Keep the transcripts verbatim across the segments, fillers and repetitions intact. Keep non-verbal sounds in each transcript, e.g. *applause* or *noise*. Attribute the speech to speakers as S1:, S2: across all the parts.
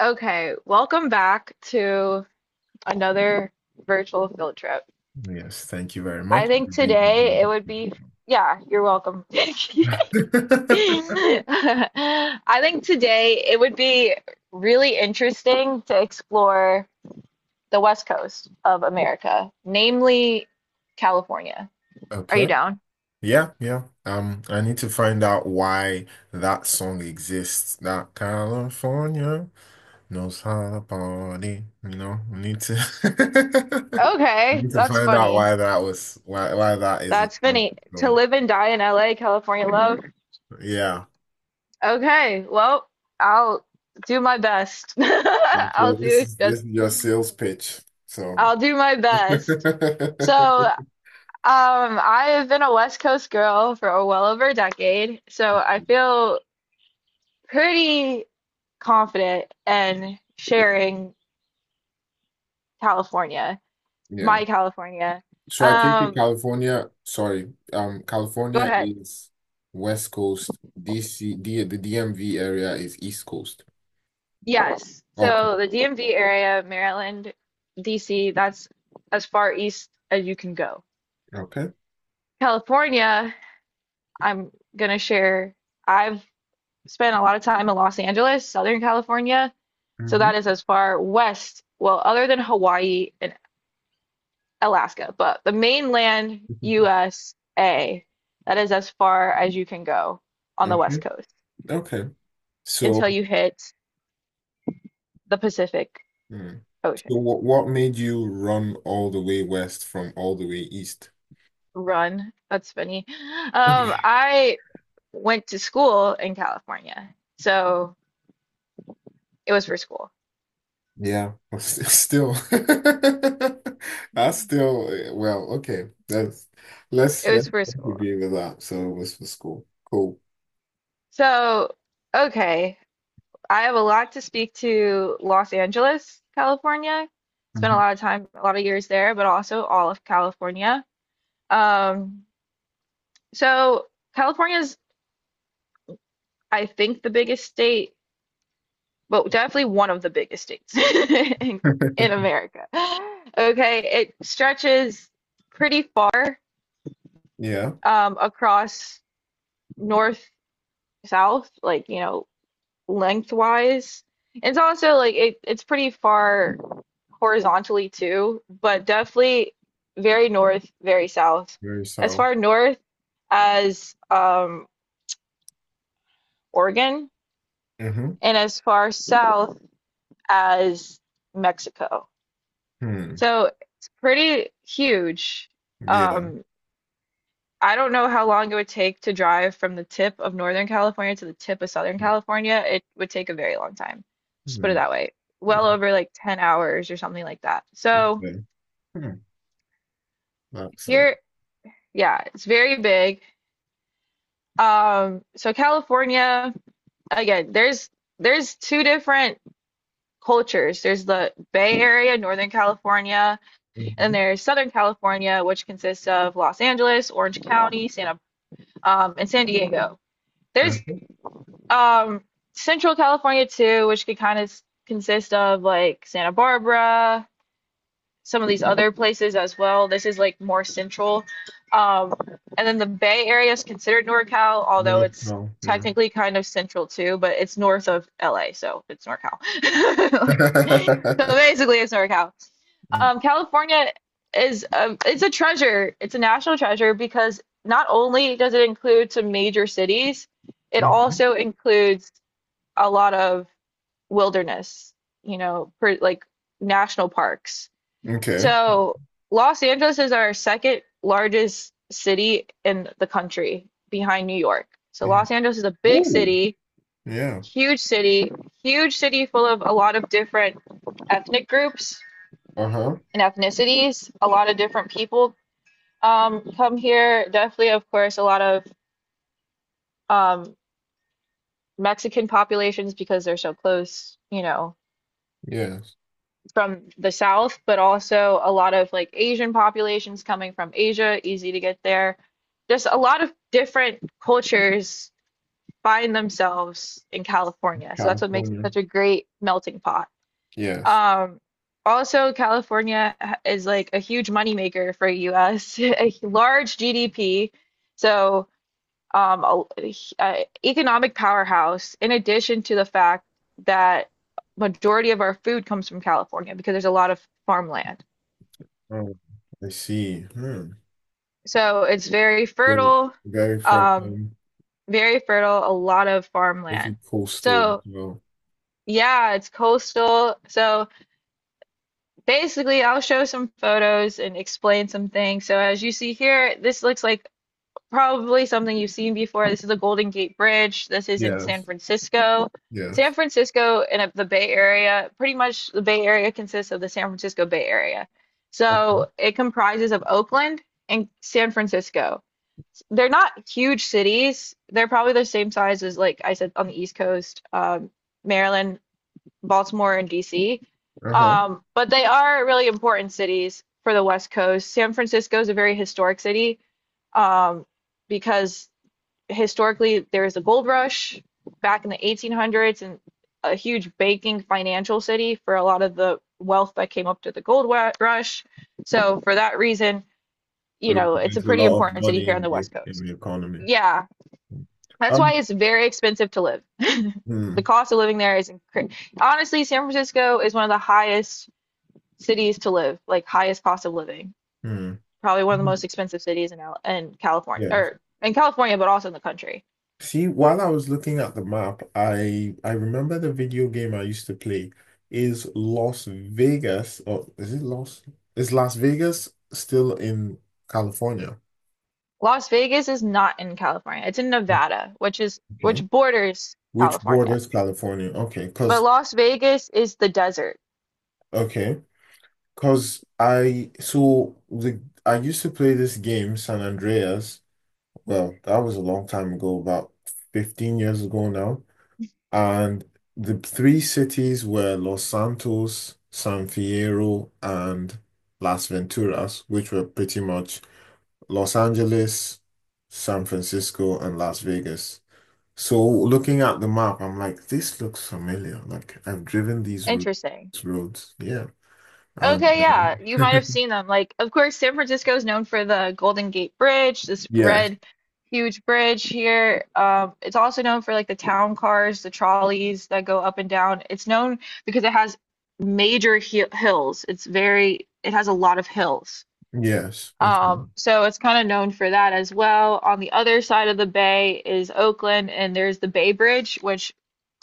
S1: Okay, welcome back to another virtual field trip.
S2: Yes, thank you very
S1: I
S2: much.
S1: think
S2: I really
S1: today it
S2: enjoyed
S1: would be, yeah, you're welcome. *laughs* I
S2: the *laughs*
S1: think today it would be really interesting to explore the West Coast of America, namely California. Are you
S2: Okay.
S1: down?
S2: Yeah, yeah. Um, I need to find out why that song exists. That California knows how to party. You know, I need to *laughs* I
S1: Okay,
S2: need to
S1: that's
S2: find out
S1: funny.
S2: why that was why why that is a
S1: That's
S2: song.
S1: funny. To
S2: So
S1: live and die in L A, California love.
S2: yeah.
S1: Okay, well, I'll do my best. *laughs*
S2: And
S1: I'll
S2: so this
S1: do
S2: is
S1: just
S2: this is your sales pitch. So
S1: I'll do my best. So,
S2: *laughs*
S1: um, I have been a West Coast girl for well over a decade, so I feel pretty confident in sharing California,
S2: yeah.
S1: my California.
S2: So I take it
S1: Um,
S2: California, sorry, um,
S1: Go
S2: California
S1: ahead.
S2: is West Coast, D C, D, the D M V area is East Coast.
S1: Yes.
S2: Okay,
S1: So the D M V area, Maryland, D C, that's as far east as you can go.
S2: okay,
S1: California I'm gonna share. I've spent a lot of time in Los Angeles, Southern California. So
S2: hmm
S1: that is as far west, well, other than Hawaii and Alaska, but the mainland
S2: *laughs*
S1: U S A, that is as far as you can go on the west
S2: okay,
S1: coast
S2: okay.
S1: until
S2: So,
S1: you hit the Pacific
S2: hmm. So
S1: Ocean.
S2: what what made you run all the way west from all the way east?
S1: Run, that's funny. Um,
S2: *laughs*
S1: I went to school in California, so it was for school.
S2: Yeah, *laughs* still, *laughs* I still, eh, well, okay, that's let's
S1: It was
S2: let's
S1: for school.
S2: agree with that. So it was for school, cool.
S1: So, okay. I have a lot to speak to Los Angeles, California. Spent a
S2: Hmm
S1: lot of time, a lot of years there, but also all of California. Um, so California is, I think, the biggest state, but definitely one of the biggest states *laughs* in, in
S2: *laughs*
S1: America. Okay, it stretches pretty far
S2: Yeah,
S1: um, across north, south, like, you know, lengthwise. It's also like it, it's pretty far horizontally too, but definitely very north, very south.
S2: very
S1: As
S2: so.
S1: far north as um, Oregon
S2: Mm-hmm.
S1: and as far south as Mexico.
S2: Hmm.
S1: So it's pretty huge.
S2: Yeah.
S1: Um, I don't know how long it would take to drive from the tip of Northern California to the tip of Southern
S2: Yeah.
S1: California. It would take a very long time. Just put it
S2: Hmm.
S1: that way.
S2: Mm.
S1: Well over like ten hours or something like that. So
S2: Okay. Hmm. Excellent.
S1: here, yeah, it's very big. Um, so California, again, there's there's two different cultures. There's the Bay Area, Northern California, and
S2: Mm-hmm.
S1: there's Southern California, which consists of Los Angeles, Orange County, Santa, um, and San Diego. There's
S2: Hmm.
S1: Um, Central California too, which could kind of consist of like Santa Barbara, some of these other places as well. This is like more central. Um, and then the Bay Area is considered NorCal, although
S2: Yeah.
S1: it's
S2: No. Yeah.
S1: technically kind of central too, but it's north of L A, so it's NorCal. *laughs* Like, so
S2: *laughs*
S1: basically, it's NorCal. Um, California is a, it's a treasure. It's a national treasure because not only does it include some major cities, it
S2: Mm-hmm.
S1: also includes a lot of wilderness, you know, per, like national parks.
S2: Okay.
S1: So Los Angeles is our second largest city in the country behind New York. So
S2: Yeah.
S1: Los Angeles is a big
S2: Ooh.
S1: city,
S2: Yeah.
S1: huge city, huge city full of a lot of different ethnic groups
S2: Uh-huh.
S1: and ethnicities. A lot of different people um, come here. Definitely, of course, a lot of um, Mexican populations because they're so close, you know,
S2: Yes.
S1: from the south, but also a lot of like Asian populations coming from Asia, easy to get there. Just a lot of different cultures find themselves in California. So that's what makes it
S2: California.
S1: such a great melting pot.
S2: Yes.
S1: Um, Also, California is like a huge moneymaker for U S, *laughs* a large G D P. So um, a, h- uh economic powerhouse, in addition to the fact that majority of our food comes from California because there's a lot of farmland.
S2: Oh, I see. Hmm.
S1: So it's very
S2: So
S1: fertile,
S2: very from
S1: um,
S2: um,
S1: very fertile, a lot of farmland.
S2: pretty coastal
S1: So
S2: as well.
S1: yeah, it's coastal. So basically, I'll show some photos and explain some things. So as you see here, this looks like probably something you've seen before. This is the Golden Gate Bridge. This is in San
S2: Yes.
S1: Francisco. San
S2: Yes.
S1: Francisco and uh, the Bay Area, pretty much the Bay Area consists of the San Francisco Bay Area.
S2: Okay.
S1: So it comprises of Oakland and San Francisco. They're not huge cities. They're probably the same size as, like I said, on the East Coast, um, Maryland, Baltimore, and D C.
S2: Uh-huh.
S1: Um, but they are really important cities for the West Coast. San Francisco is a very historic city um, because historically there was a gold rush back in the eighteen hundreds and a huge banking financial city for a lot of the wealth that came up to the gold rush. So for that reason, you
S2: So
S1: know, it's a
S2: there's a
S1: pretty
S2: lot of
S1: important city
S2: money
S1: here on
S2: in
S1: the
S2: the
S1: West
S2: in
S1: Coast.
S2: the economy.
S1: Yeah, that's
S2: Um.
S1: why it's very expensive to live. *laughs* The
S2: Hmm.
S1: cost of living there is incre- honestly, San Francisco is one of the highest cities to live, like highest cost of living. Probably one of the
S2: Hmm.
S1: most expensive cities in in California
S2: Yes.
S1: or in California, but also in the country.
S2: See, while I was looking at the map, I I remember the video game I used to play is Las Vegas, or is it Las? Is Las Vegas still in California?
S1: Las Vegas is not in California. It's in Nevada, which is
S2: Okay.
S1: which borders
S2: Which
S1: California.
S2: borders California? Okay,
S1: But
S2: cause
S1: Las Vegas is the desert.
S2: okay, cause I so the I used to play this game, San Andreas. Well, that was a long time ago, about fifteen years ago now. And the three cities were Los Santos, San Fierro, and Las Venturas, which were pretty much Los Angeles, San Francisco, and Las Vegas. So looking at the map, I'm like, this looks familiar. Like I've driven these
S1: Interesting.
S2: routes, roads. Yeah. And
S1: Okay, yeah, you might have
S2: um, *laughs*
S1: seen them. Like, of course, San Francisco is known for the Golden Gate Bridge, this
S2: yes,
S1: red, huge bridge here. Um, it's also known for like the town cars, the trolleys that go up and down. It's known because it has major hi hills. It's very, it has a lot of hills.
S2: yes. Okay.
S1: Um, so it's kind of known for that as well. On the other side of the bay is Oakland, and there's the Bay Bridge, which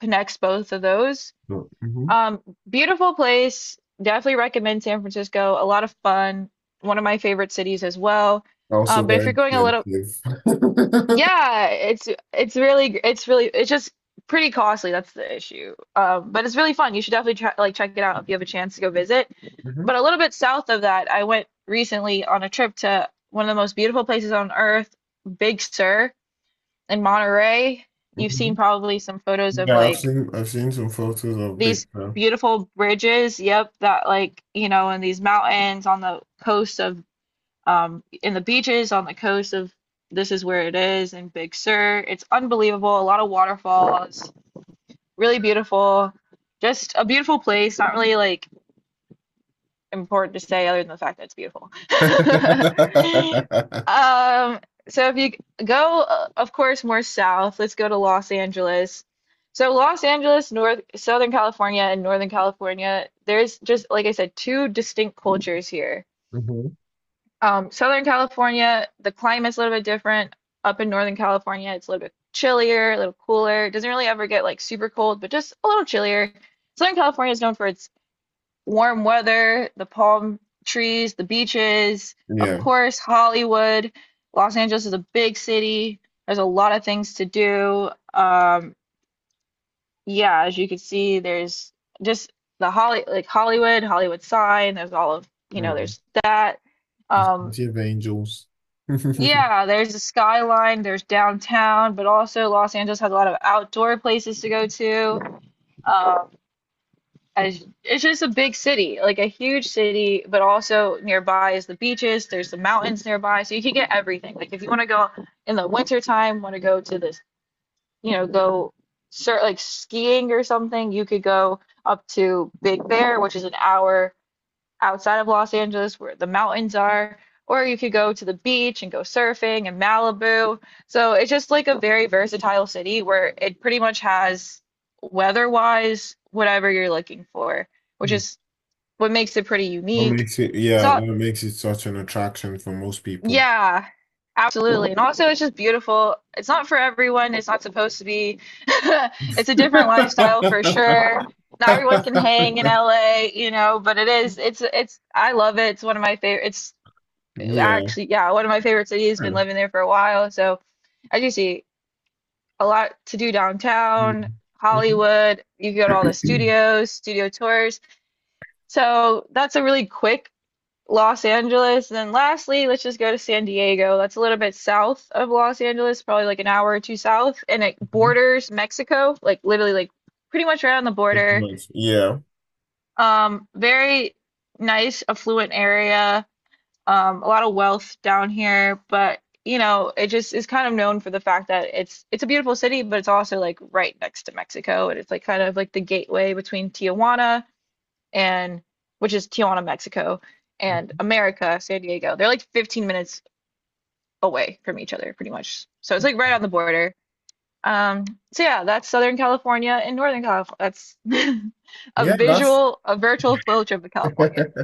S1: connects both of those.
S2: So, mhm.
S1: Um, Beautiful place. Definitely recommend San Francisco. A lot of fun. One of my favorite cities as well.
S2: Also
S1: Um, but if
S2: very
S1: you're going a little,
S2: expensive. *laughs*
S1: yeah, it's it's really it's really it's just pretty costly. That's the issue. Um, but it's really fun. You should definitely try, like check it out if you have a chance to go visit.
S2: Mhm,
S1: But a little bit south of that, I went recently on a trip to one of the most beautiful places on earth, Big Sur in Monterey. You've seen
S2: mhm.
S1: probably some photos of
S2: Yeah, I've
S1: like
S2: seen I've seen some photos of Big
S1: these
S2: Bear.
S1: beautiful bridges, yep, that like, you know, in these mountains on the coast of um in the beaches on the coast of this is where it is in Big Sur. It's unbelievable. A lot of waterfalls, really beautiful. Just a beautiful place, not really like important to say other than the fact that it's beautiful. *laughs*
S2: *laughs*
S1: Um, so if you go, uh, of course, more south, let's go to Los Angeles. So Los Angeles, North, Southern California, and Northern California, there's just, like I said, two distinct cultures here.
S2: Mhm.
S1: Um, Southern California, the climate's a little bit different. Up in Northern California, it's a little bit chillier, a little cooler. It doesn't really ever get like super cold, but just a little chillier. Southern California is known for its warm weather, the palm trees, the beaches, of
S2: Yeah.
S1: course, Hollywood. Los Angeles is a big city. There's a lot of things to do. Um, yeah, as you can see, there's just the Holly like Hollywood, Hollywood sign. There's all of, you know,
S2: Mm.
S1: there's that. Um,
S2: Plenty of angels. *laughs*
S1: yeah, there's the skyline, there's downtown, but also Los Angeles has a lot of outdoor places to go to. Um, as it's just a big city, like a huge city, but also nearby is the beaches, there's the mountains nearby, so you can get everything. Like if you want to go in the winter time, want to go to this, you know, go start like skiing or something, you could go up to Big Bear, which is an hour outside of Los Angeles where the mountains are, or you could go to the beach and go surfing in Malibu. So it's just like a very versatile city where it pretty much has weather-wise whatever you're looking for, which
S2: What
S1: is what makes it pretty unique.
S2: makes it,
S1: It's
S2: yeah,
S1: all,
S2: that makes it such an attraction for most people.
S1: yeah, absolutely. And also it's just beautiful. It's not for everyone. It's not supposed to be. *laughs* It's a different lifestyle for
S2: *laughs*
S1: sure, not everyone can hang in L A, you know, but it is it's it's I love it. It's one of my favorite. It's
S2: Yeah.
S1: actually, yeah, one of my favorite cities. Been
S2: Mm.
S1: living there for a while, so as you see, a lot to do downtown,
S2: Mhm.
S1: Hollywood. You can go to all the studios, studio tours. So that's a really quick Los Angeles. And then lastly, let's just go to San Diego. That's a little bit south of Los Angeles, probably like an hour or two south, and it
S2: *clears throat*
S1: borders Mexico, like literally like pretty much right on the
S2: Pretty
S1: border.
S2: much. Yeah.
S1: Um, very nice, affluent area, um, a lot of wealth down here, but you know, it just is kind of known for the fact that it's it's a beautiful city, but it's also like right next to Mexico, and it's like kind of like the gateway between Tijuana and which is Tijuana, Mexico, and America, San Diego. They're like fifteen minutes away from each other, pretty much. So it's like right on the border. Um, so yeah, that's Southern California and Northern California. That's *laughs* a
S2: Yeah, that's
S1: visual, a virtual field trip of California.
S2: *laughs*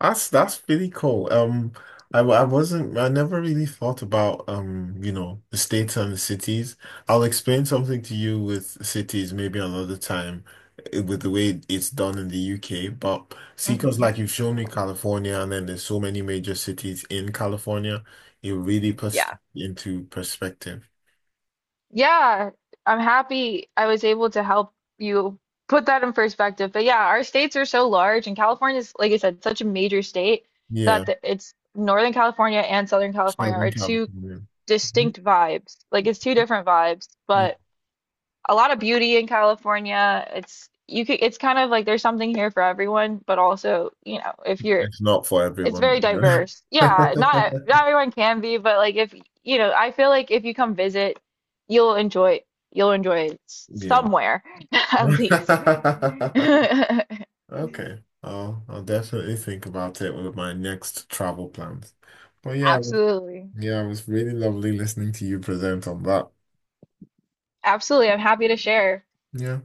S2: That's that's really cool. Um, I, w- I wasn't I never really thought about um you know the states and the cities. I'll explain something to you with cities maybe another time eh, with the way it's done in the U K. But see, because
S1: Hmm.
S2: like you've shown me California, and then there's so many major cities in California, it really puts
S1: Yeah.
S2: it into perspective.
S1: Yeah, I'm happy I was able to help you put that in perspective. But yeah, our states are so large, and California is, like I said, such a major state
S2: Yeah,
S1: that the, it's Northern California and Southern California
S2: Southern
S1: are two
S2: California. Mhm.
S1: distinct vibes. Like it's two different vibes,
S2: Mm.
S1: but a lot of beauty in California. It's you could, it's kind of like there's something here for everyone, but also, you know, if you're
S2: It's not for
S1: it's very
S2: everyone. You
S1: diverse. Yeah, not not
S2: *laughs*
S1: everyone can be, but like if you know, I feel like if you come visit, you'll enjoy you'll enjoy it s-
S2: Yeah.
S1: somewhere *laughs* at least. *laughs*
S2: *laughs* Okay. I'll I'll definitely think about it with my next travel plans. But yeah, it was-
S1: Absolutely.
S2: yeah, it was really lovely listening to you present on that.
S1: Absolutely. I'm happy to share.
S2: Yeah.